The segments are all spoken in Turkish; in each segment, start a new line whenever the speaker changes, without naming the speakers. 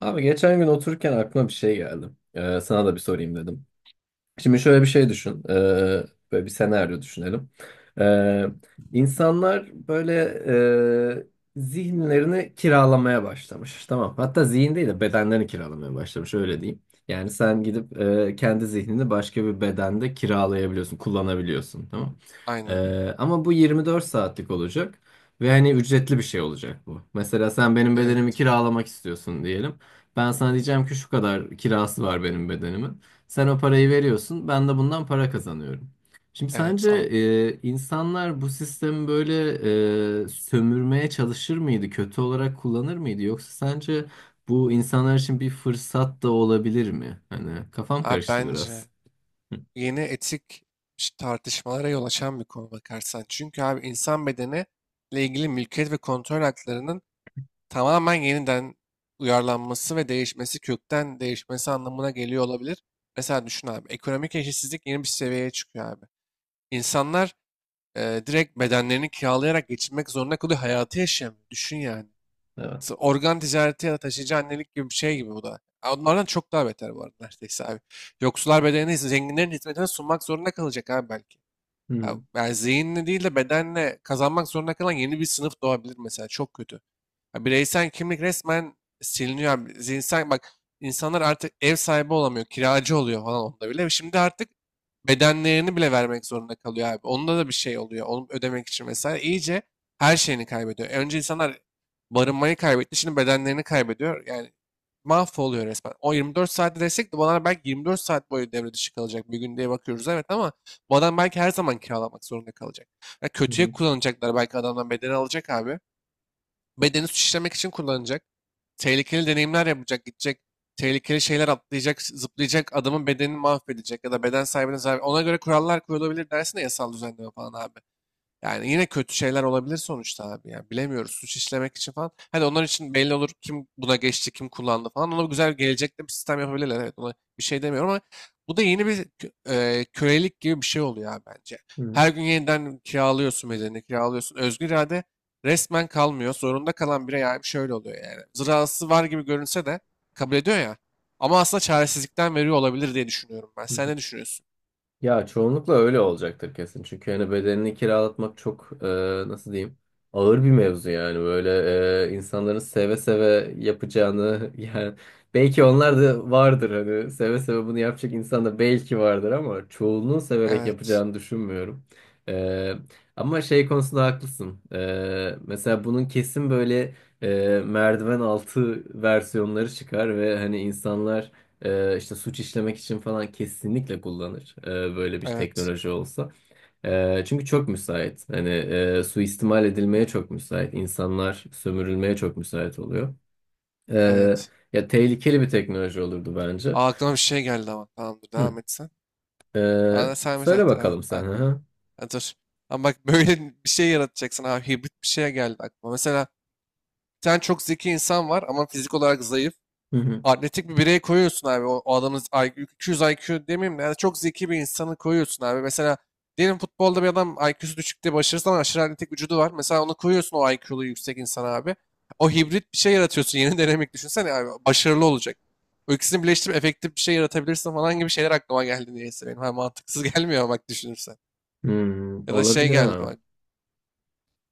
Abi geçen gün otururken aklıma bir şey geldi. Sana da bir sorayım dedim. Şimdi şöyle bir şey düşün. Böyle bir senaryo düşünelim. Ee, insanlar böyle e, zihinlerini kiralamaya başlamış. Tamam. Hatta zihin değil de bedenlerini kiralamaya başlamış. Öyle diyeyim. Yani sen gidip kendi zihnini başka bir bedende kiralayabiliyorsun, kullanabiliyorsun. Tamam.
Aynen.
Ama bu 24 saatlik olacak. Ve hani ücretli bir şey olacak bu. Mesela sen benim bedenimi
Evet.
kiralamak istiyorsun diyelim. Ben sana diyeceğim ki şu kadar kirası var benim bedenimin. Sen o parayı veriyorsun, ben de bundan para kazanıyorum. Şimdi
Evet.
sence
An.
insanlar bu sistemi böyle sömürmeye çalışır mıydı, kötü olarak kullanır mıydı? Yoksa sence bu insanlar için bir fırsat da olabilir mi? Hani kafam
Abi
karıştı biraz.
bence
Hı.
yeni etik tartışmalara yol açan bir konu bakarsan. Çünkü abi insan ile ilgili mülkiyet ve kontrol haklarının tamamen yeniden uyarlanması ve değişmesi, kökten değişmesi anlamına geliyor olabilir. Mesela düşün abi, ekonomik eşitsizlik yeni bir seviyeye çıkıyor abi. İnsanlar direkt bedenlerini kiralayarak geçinmek zorunda kalıyor, hayatı yaşayamıyor. Düşün yani.
Evet.
Organ ticareti ya da taşıyıcı annelik gibi bir şey gibi bu da. Ha, onlardan çok daha beter bu arada neredeyse abi. Yoksullar bedenini ise zenginlerin hizmetine sunmak zorunda kalacak abi belki.
Hı
Ya,
hı.
yani zihinle değil de bedenle kazanmak zorunda kalan yeni bir sınıf doğabilir mesela. Çok kötü. Ya, bireysel kimlik resmen siliniyor abi. Zihinsel bak, insanlar artık ev sahibi olamıyor. Kiracı oluyor falan onda bile. Şimdi artık bedenlerini bile vermek zorunda kalıyor abi. Onda da bir şey oluyor. Onu ödemek için mesela iyice her şeyini kaybediyor. Önce insanlar barınmayı kaybetti. Şimdi bedenlerini kaybediyor. Yani mahvoluyor resmen. O 24 saatte desek de bu adamlar belki 24 saat boyu devre dışı kalacak. Bir gün diye bakıyoruz evet ama bu adam belki her zaman kiralamak zorunda kalacak. Ya kötüye
Hı
kullanacaklar, belki adamdan bedeni alacak abi. Bedeni suçlamak için kullanacak. Tehlikeli deneyimler yapacak, gidecek. Tehlikeli şeyler atlayacak, zıplayacak, adamın bedenini mahvedecek ya da beden sahibine zarar. Ona göre kurallar kurulabilir dersin de, yasal düzenleme falan abi. Yani yine kötü şeyler olabilir sonuçta abi ya. Bilemiyoruz, suç işlemek için falan. Hadi onlar için belli olur kim buna geçti, kim kullandı falan. Ona güzel gelecekte bir sistem yapabilirler. Evet, ona bir şey demiyorum ama bu da yeni bir kölelik gibi bir şey oluyor abi bence.
hı.
Her gün yeniden kiralıyorsun bedenini, kiralıyorsun. Özgür irade resmen kalmıyor. Zorunda kalan birey abi şöyle oluyor yani. Zırhası var gibi görünse de kabul ediyor ya. Ama aslında çaresizlikten veriyor olabilir diye düşünüyorum ben.
Hı
Sen
hı.
ne düşünüyorsun?
Ya çoğunlukla öyle olacaktır kesin. Çünkü hani bedenini kiralatmak çok nasıl diyeyim, ağır bir mevzu yani. Böyle insanların seve seve yapacağını yani belki onlar da vardır, hani seve seve bunu yapacak insan da belki vardır ama çoğunluğun severek
Evet,
yapacağını düşünmüyorum. E, ama şey konusunda haklısın. Mesela bunun kesin böyle merdiven altı versiyonları çıkar ve hani insanlar işte suç işlemek için falan kesinlikle kullanır, böyle bir
evet,
teknoloji olsa. Çünkü çok müsait. Hani suistimal edilmeye çok müsait. İnsanlar sömürülmeye çok müsait oluyor. Ee,
evet.
ya tehlikeli bir teknoloji olurdu bence.
Aa, aklıma bir şey geldi ama. Tamamdır,
Hı.
devam et sen.
Ee,
Aa, sen mesela
söyle
evet, evet, evet,
bakalım sen. Hı
aklıma.
hı.
Ha, dur. Ama bak, böyle bir şey yaratacaksın abi. Hibrit bir şeye geldi aklıma. Mesela bir tane çok zeki insan var ama fizik olarak zayıf.
Hı hı.
Atletik bir birey koyuyorsun abi. O adamın IQ, 200 IQ demeyeyim de yani çok zeki bir insanı koyuyorsun abi. Mesela diyelim futbolda bir adam IQ'su düşük diye başarısız ama aşırı atletik vücudu var. Mesela onu koyuyorsun, o IQ'lu yüksek insan abi. O hibrit bir şey yaratıyorsun. Yeni denemek, düşünsene abi. Başarılı olacak. O ikisini birleştirip efektif bir şey yaratabilirsin falan gibi şeyler aklıma geldi niyeyse benim. Ha, mantıksız gelmiyor bak, düşünürsen.
Hmm,
Ya da şey
olabilir
geldi
ha.
bak.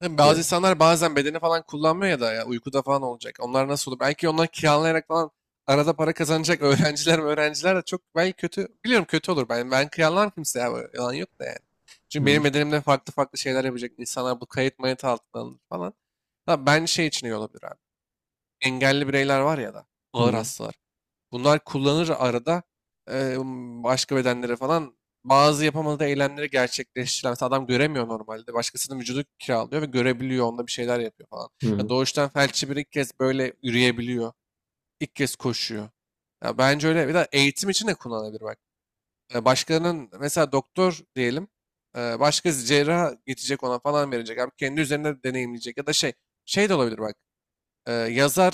Tabii bazı
Ya,
insanlar bazen bedeni falan kullanmıyor ya da ya uykuda falan olacak. Onlar nasıl olur? Belki onlar kiralayarak falan arada para kazanacak. Öğrenciler mi, öğrenciler de çok belki kötü. Biliyorum kötü olur. Ben kiralar kimseye abi. Yalan yok da yani.
hı
Çünkü benim
hı.
bedenimde farklı farklı şeyler yapacak insanlar, bu kayıt mayıt altına alınır falan. Ha, ben şey için iyi olabilir abi. Engelli bireyler var ya da ağır
Hı
hastalar. Bunlar kullanır arada eee, başka bedenlere falan, bazı yapamadığı eylemleri gerçekleştiren. Mesela adam göremiyor normalde. Başkasının vücudu kiralıyor ve görebiliyor. Onda bir şeyler yapıyor falan. Ya
hı.
doğuştan felçli bir, ilk kez böyle yürüyebiliyor. İlk kez koşuyor. Ya bence öyle. Bir de eğitim için de kullanılabilir bak. Başkalarının mesela doktor diyelim. Başkası cerrah gidecek ona falan verecek. Abi kendi üzerinde deneyimleyecek. Ya da şey. Şey de olabilir bak. Yazar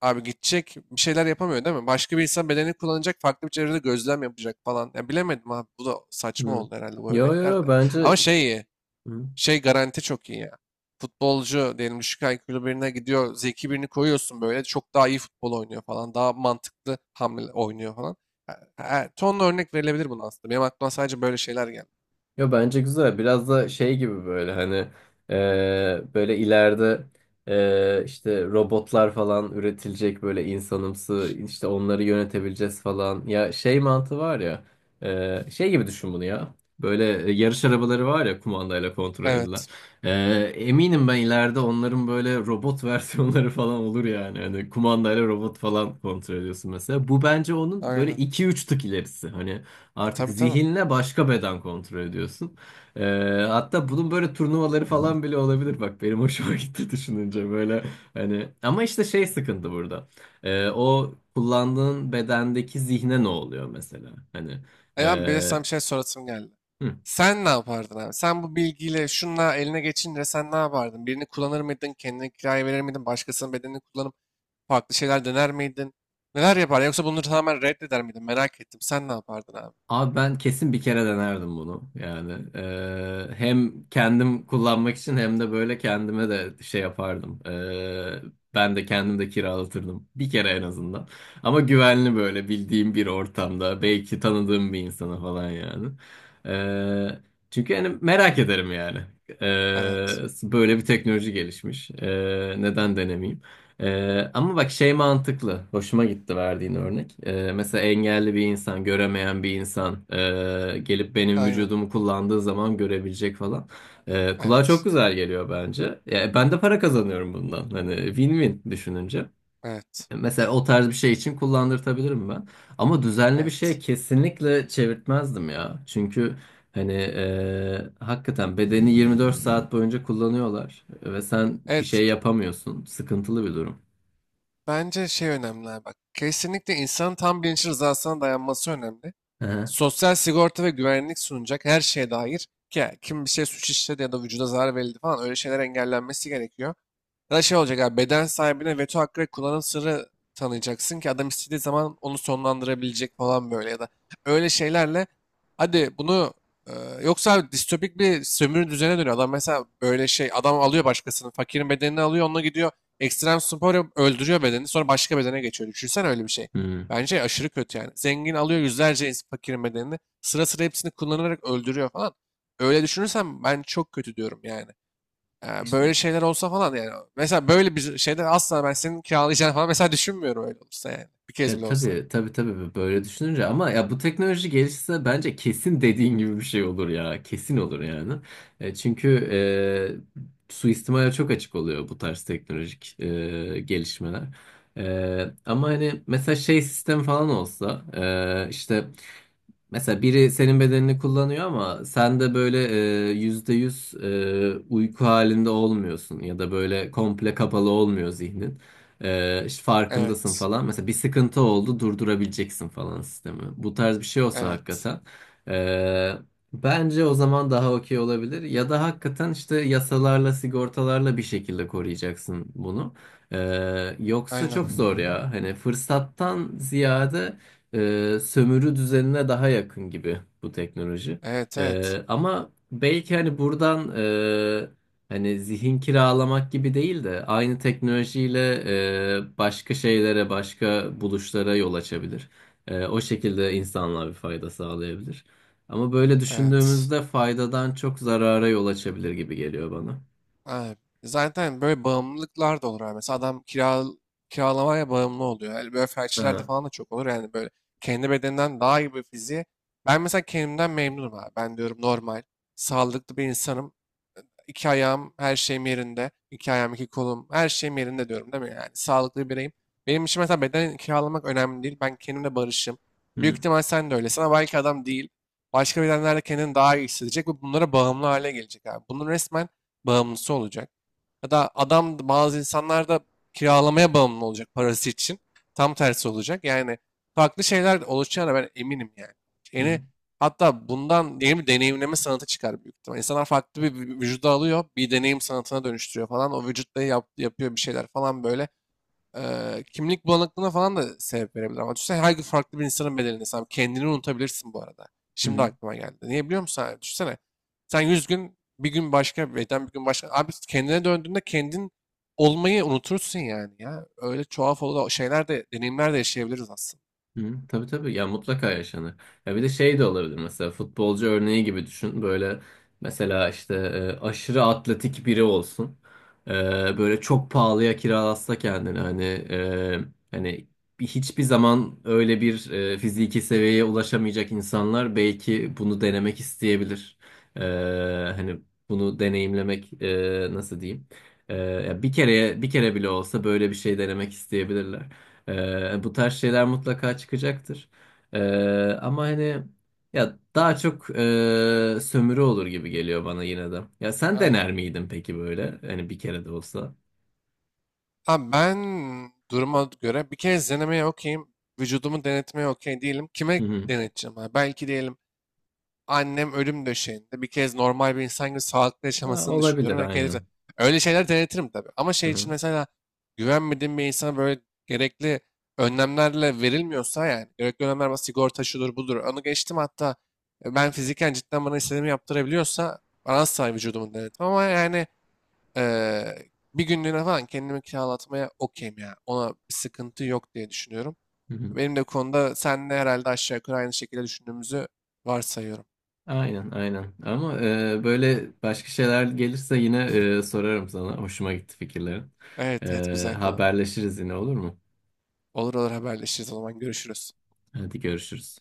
abi gidecek, bir şeyler yapamıyor değil mi? Başka bir insan bedenini kullanacak, farklı bir çevrede gözlem yapacak falan. Ya bilemedim abi, bu da saçma oldu herhalde, bu
Yo, yo,
örnekler
yo,
de.
bence
Ama şey iyi, şey garanti çok iyi ya. Futbolcu diyelim düşük IQ'lu birine gidiyor, zeki birini koyuyorsun, böyle çok daha iyi futbol oynuyor falan, daha mantıklı hamle oynuyor falan. Ha, Tonla örnek verilebilir bunun aslında. Benim aklıma sadece böyle şeyler geldi.
yo, bence güzel. Biraz da şey gibi, böyle hani böyle ileride işte robotlar falan üretilecek, böyle insanımsı, işte onları yönetebileceğiz falan. Ya şey mantığı var ya, şey gibi düşün bunu ya. Böyle yarış arabaları var ya, kumandayla kontrol edilen.
Evet,
Eminim ben ileride onların böyle robot versiyonları falan olur yani. Hani kumandayla robot falan kontrol ediyorsun mesela. Bu bence onun böyle
aynen.
iki üç tık ilerisi. Hani artık
Tabii tabii.
zihinle başka beden kontrol ediyorsun. Ee, hatta bunun böyle turnuvaları falan bile olabilir. Bak benim hoşuma gitti düşününce, böyle hani ama işte şey sıkıntı burada. O kullandığın bedendeki zihne ne oluyor mesela? Hani
E abi, bir de sana
e,
bir şey sorasım geldi.
hı.
Sen ne yapardın abi? Sen bu bilgiyle şunla eline geçince sen ne yapardın? Birini kullanır mıydın? Kendine kiraya verir miydin? Başkasının bedenini kullanıp farklı şeyler dener miydin? Neler yapardın? Yoksa bunları tamamen reddeder miydin? Merak ettim. Sen ne yapardın abi?
Abi ben kesin bir kere denerdim bunu. Yani hem kendim kullanmak için hem de böyle kendime de şey yapardım. Ben de kendim de kiralatırdım. Bir kere en azından. Ama güvenli, böyle bildiğim bir ortamda. Belki tanıdığım bir insana falan yani. Eee, çünkü hani merak ederim yani.
Evet.
Böyle bir teknoloji gelişmiş. Neden denemeyeyim? Ama bak şey mantıklı. Hoşuma gitti verdiğin örnek. Mesela engelli bir insan, göremeyen bir insan gelip benim
Aynen.
vücudumu kullandığı zaman görebilecek falan. Kulağa çok
Evet.
güzel geliyor bence. Ya, ben de para kazanıyorum bundan. Hani win-win düşününce.
Evet.
Mesela o tarz bir şey için kullandırtabilirim ben. Ama düzenli bir şeye
Evet.
kesinlikle çevirtmezdim ya. Çünkü hani hakikaten bedeni 24 saat boyunca kullanıyorlar ve sen bir
Evet.
şey yapamıyorsun. Sıkıntılı bir durum.
Bence şey önemli abi bak. Kesinlikle insanın tam bilinçli rızasına dayanması önemli.
Aha.
Sosyal sigorta ve güvenlik sunacak her şeye dair, ki kim bir şey suç işledi ya da vücuda zarar verildi falan, öyle şeyler engellenmesi gerekiyor. Ya da şey olacak abi, beden sahibine veto hakkı ve kullanım sırrı tanıyacaksın ki adam istediği zaman onu sonlandırabilecek falan, böyle ya da öyle şeylerle hadi bunu e, yoksa abi distopik bir sömürü düzene dönüyor. Adam mesela böyle şey, adam alıyor başkasının, fakirin bedenini alıyor, onunla gidiyor ekstrem spor yapıp öldürüyor bedeni, sonra başka bedene geçiyor. Düşünsen öyle bir şey.
Hmm.
Bence aşırı kötü yani. Zengin alıyor yüzlerce fakirin bedenini, sıra sıra hepsini kullanarak öldürüyor falan. Öyle düşünürsem ben çok kötü diyorum yani.
İşte
Böyle şeyler olsa falan yani. Mesela böyle bir şeyde asla ben senin kiralayacağını falan mesela düşünmüyorum öyle olsa yani. Bir kez
ya,
bile olsa.
tabii, tabii, tabii, böyle düşününce, ama ya bu teknoloji gelişse bence kesin dediğin gibi bir şey olur ya. Kesin olur yani. Çünkü suistimale çok açık oluyor bu tarz teknolojik gelişmeler. Ama hani mesela şey sistem falan olsa, işte mesela biri senin bedenini kullanıyor ama sen de böyle %100 uyku halinde olmuyorsun ya da böyle komple kapalı olmuyor zihnin. İşte farkındasın
Evet.
falan. Mesela bir sıkıntı oldu, durdurabileceksin falan sistemi. Bu tarz bir şey olsa
Evet.
hakikaten. ee, Bence o zaman daha okey olabilir. Ya da hakikaten işte yasalarla, sigortalarla bir şekilde koruyacaksın bunu. Yoksa çok
Aynen.
zor ya. Hani fırsattan ziyade sömürü düzenine daha yakın gibi bu teknoloji.
Evet evet.
Ama belki hani buradan, hani zihin kiralamak gibi değil de aynı teknolojiyle başka şeylere, başka buluşlara yol açabilir. O şekilde insanlığa bir fayda sağlayabilir. Ama böyle
Evet.
düşündüğümüzde faydadan çok zarara yol açabilir gibi geliyor bana.
Aynen. Zaten böyle bağımlılıklar da olur abi. Mesela adam kiralamaya bağımlı oluyor. Yani böyle felçlilerde
Aha.
falan da çok olur. Yani böyle kendi bedeninden daha iyi bir fiziğe. Ben mesela kendimden memnunum abi. Ben diyorum normal, sağlıklı bir insanım. İki ayağım her şeyim yerinde. İki ayağım, iki kolum, her şeyim yerinde diyorum değil mi? Yani sağlıklı bireyim. Benim için mesela beden kiralamak önemli değil. Ben kendimle barışım.
Hı
Büyük
hı.
ihtimal sen de öylesin ama belki adam değil. Başka bedenlerle kendini daha iyi hissedecek ve bunlara bağımlı hale gelecek abi. Bunun resmen bağımlısı olacak. Ya da adam, bazı insanlar da kiralamaya bağımlı olacak parası için. Tam tersi olacak. Yani farklı şeyler oluşacağına ben eminim yani.
Hı
Yeni, hatta bundan yeni bir deneyimleme sanatı çıkar büyük ihtimal. İnsanlar farklı bir vücuda alıyor, bir deneyim sanatına dönüştürüyor falan. O vücutla yapıyor bir şeyler falan, böyle kimlik bulanıklığına falan da sebep verebilir. Ama düşünsene, her gün farklı bir insanın bedelini sen, kendini unutabilirsin bu arada. Şimdi
hı.
aklıma geldi. Niye biliyor musun abi? Düşünsene. Sen 100 gün, bir gün başka bir beden, bir gün başka. Abi kendine döndüğünde kendin olmayı unutursun yani ya. Öyle tuhaf olan şeyler de, deneyimler de yaşayabiliriz aslında.
Hı, tabii, tabii ya, mutlaka yaşanır. Ya bir de şey de olabilir, mesela futbolcu örneği gibi düşün. Böyle mesela işte aşırı atletik biri olsun. E, böyle çok pahalıya kiralatsa kendini hani, hani hiçbir zaman öyle bir fiziki seviyeye ulaşamayacak insanlar belki bunu denemek isteyebilir. E, hani bunu deneyimlemek, nasıl diyeyim? Ya bir kere bile olsa böyle bir şey denemek isteyebilirler. Bu tarz şeyler mutlaka çıkacaktır. Ee, ama hani ya daha çok sömürü olur gibi geliyor bana yine de. Ya sen
Aynen.
dener miydin peki böyle? Hani bir kere de olsa.
Abi ben duruma göre bir kez denemeye okeyim. Vücudumu denetmeye okey değilim.
Hı
Kime
hı.
deneteceğim? Ha? Belki diyelim annem ölüm döşeğinde bir kez normal bir insan gibi sağlıklı
Ha,
yaşamasını düşünüyorum
olabilir,
ve kendisi.
aynen.
Öyle şeyler denetirim tabii. Ama
Hı
şey için
hı.
mesela güvenmediğim bir insana, böyle gerekli önlemlerle verilmiyorsa, yani gerekli önlemler ama sigorta şudur budur. Onu geçtim, hatta ben fiziken cidden bana istediğimi yaptırabiliyorsa bana, asla vücudumu denetim ama yani bir günlüğüne falan kendimi kiralatmaya okeyim ya. Ona bir sıkıntı yok diye düşünüyorum.
Hı hı.
Benim de konuda senle herhalde aşağı yukarı aynı şekilde düşündüğümüzü varsayıyorum.
Aynen, aynen. Ama böyle başka şeyler gelirse yine sorarım sana. Hoşuma gitti fikirlerin.
Evet evet,
E,
güzel konu.
haberleşiriz yine, olur mu?
Olur olur, haberleşiriz, o zaman görüşürüz.
Hadi görüşürüz.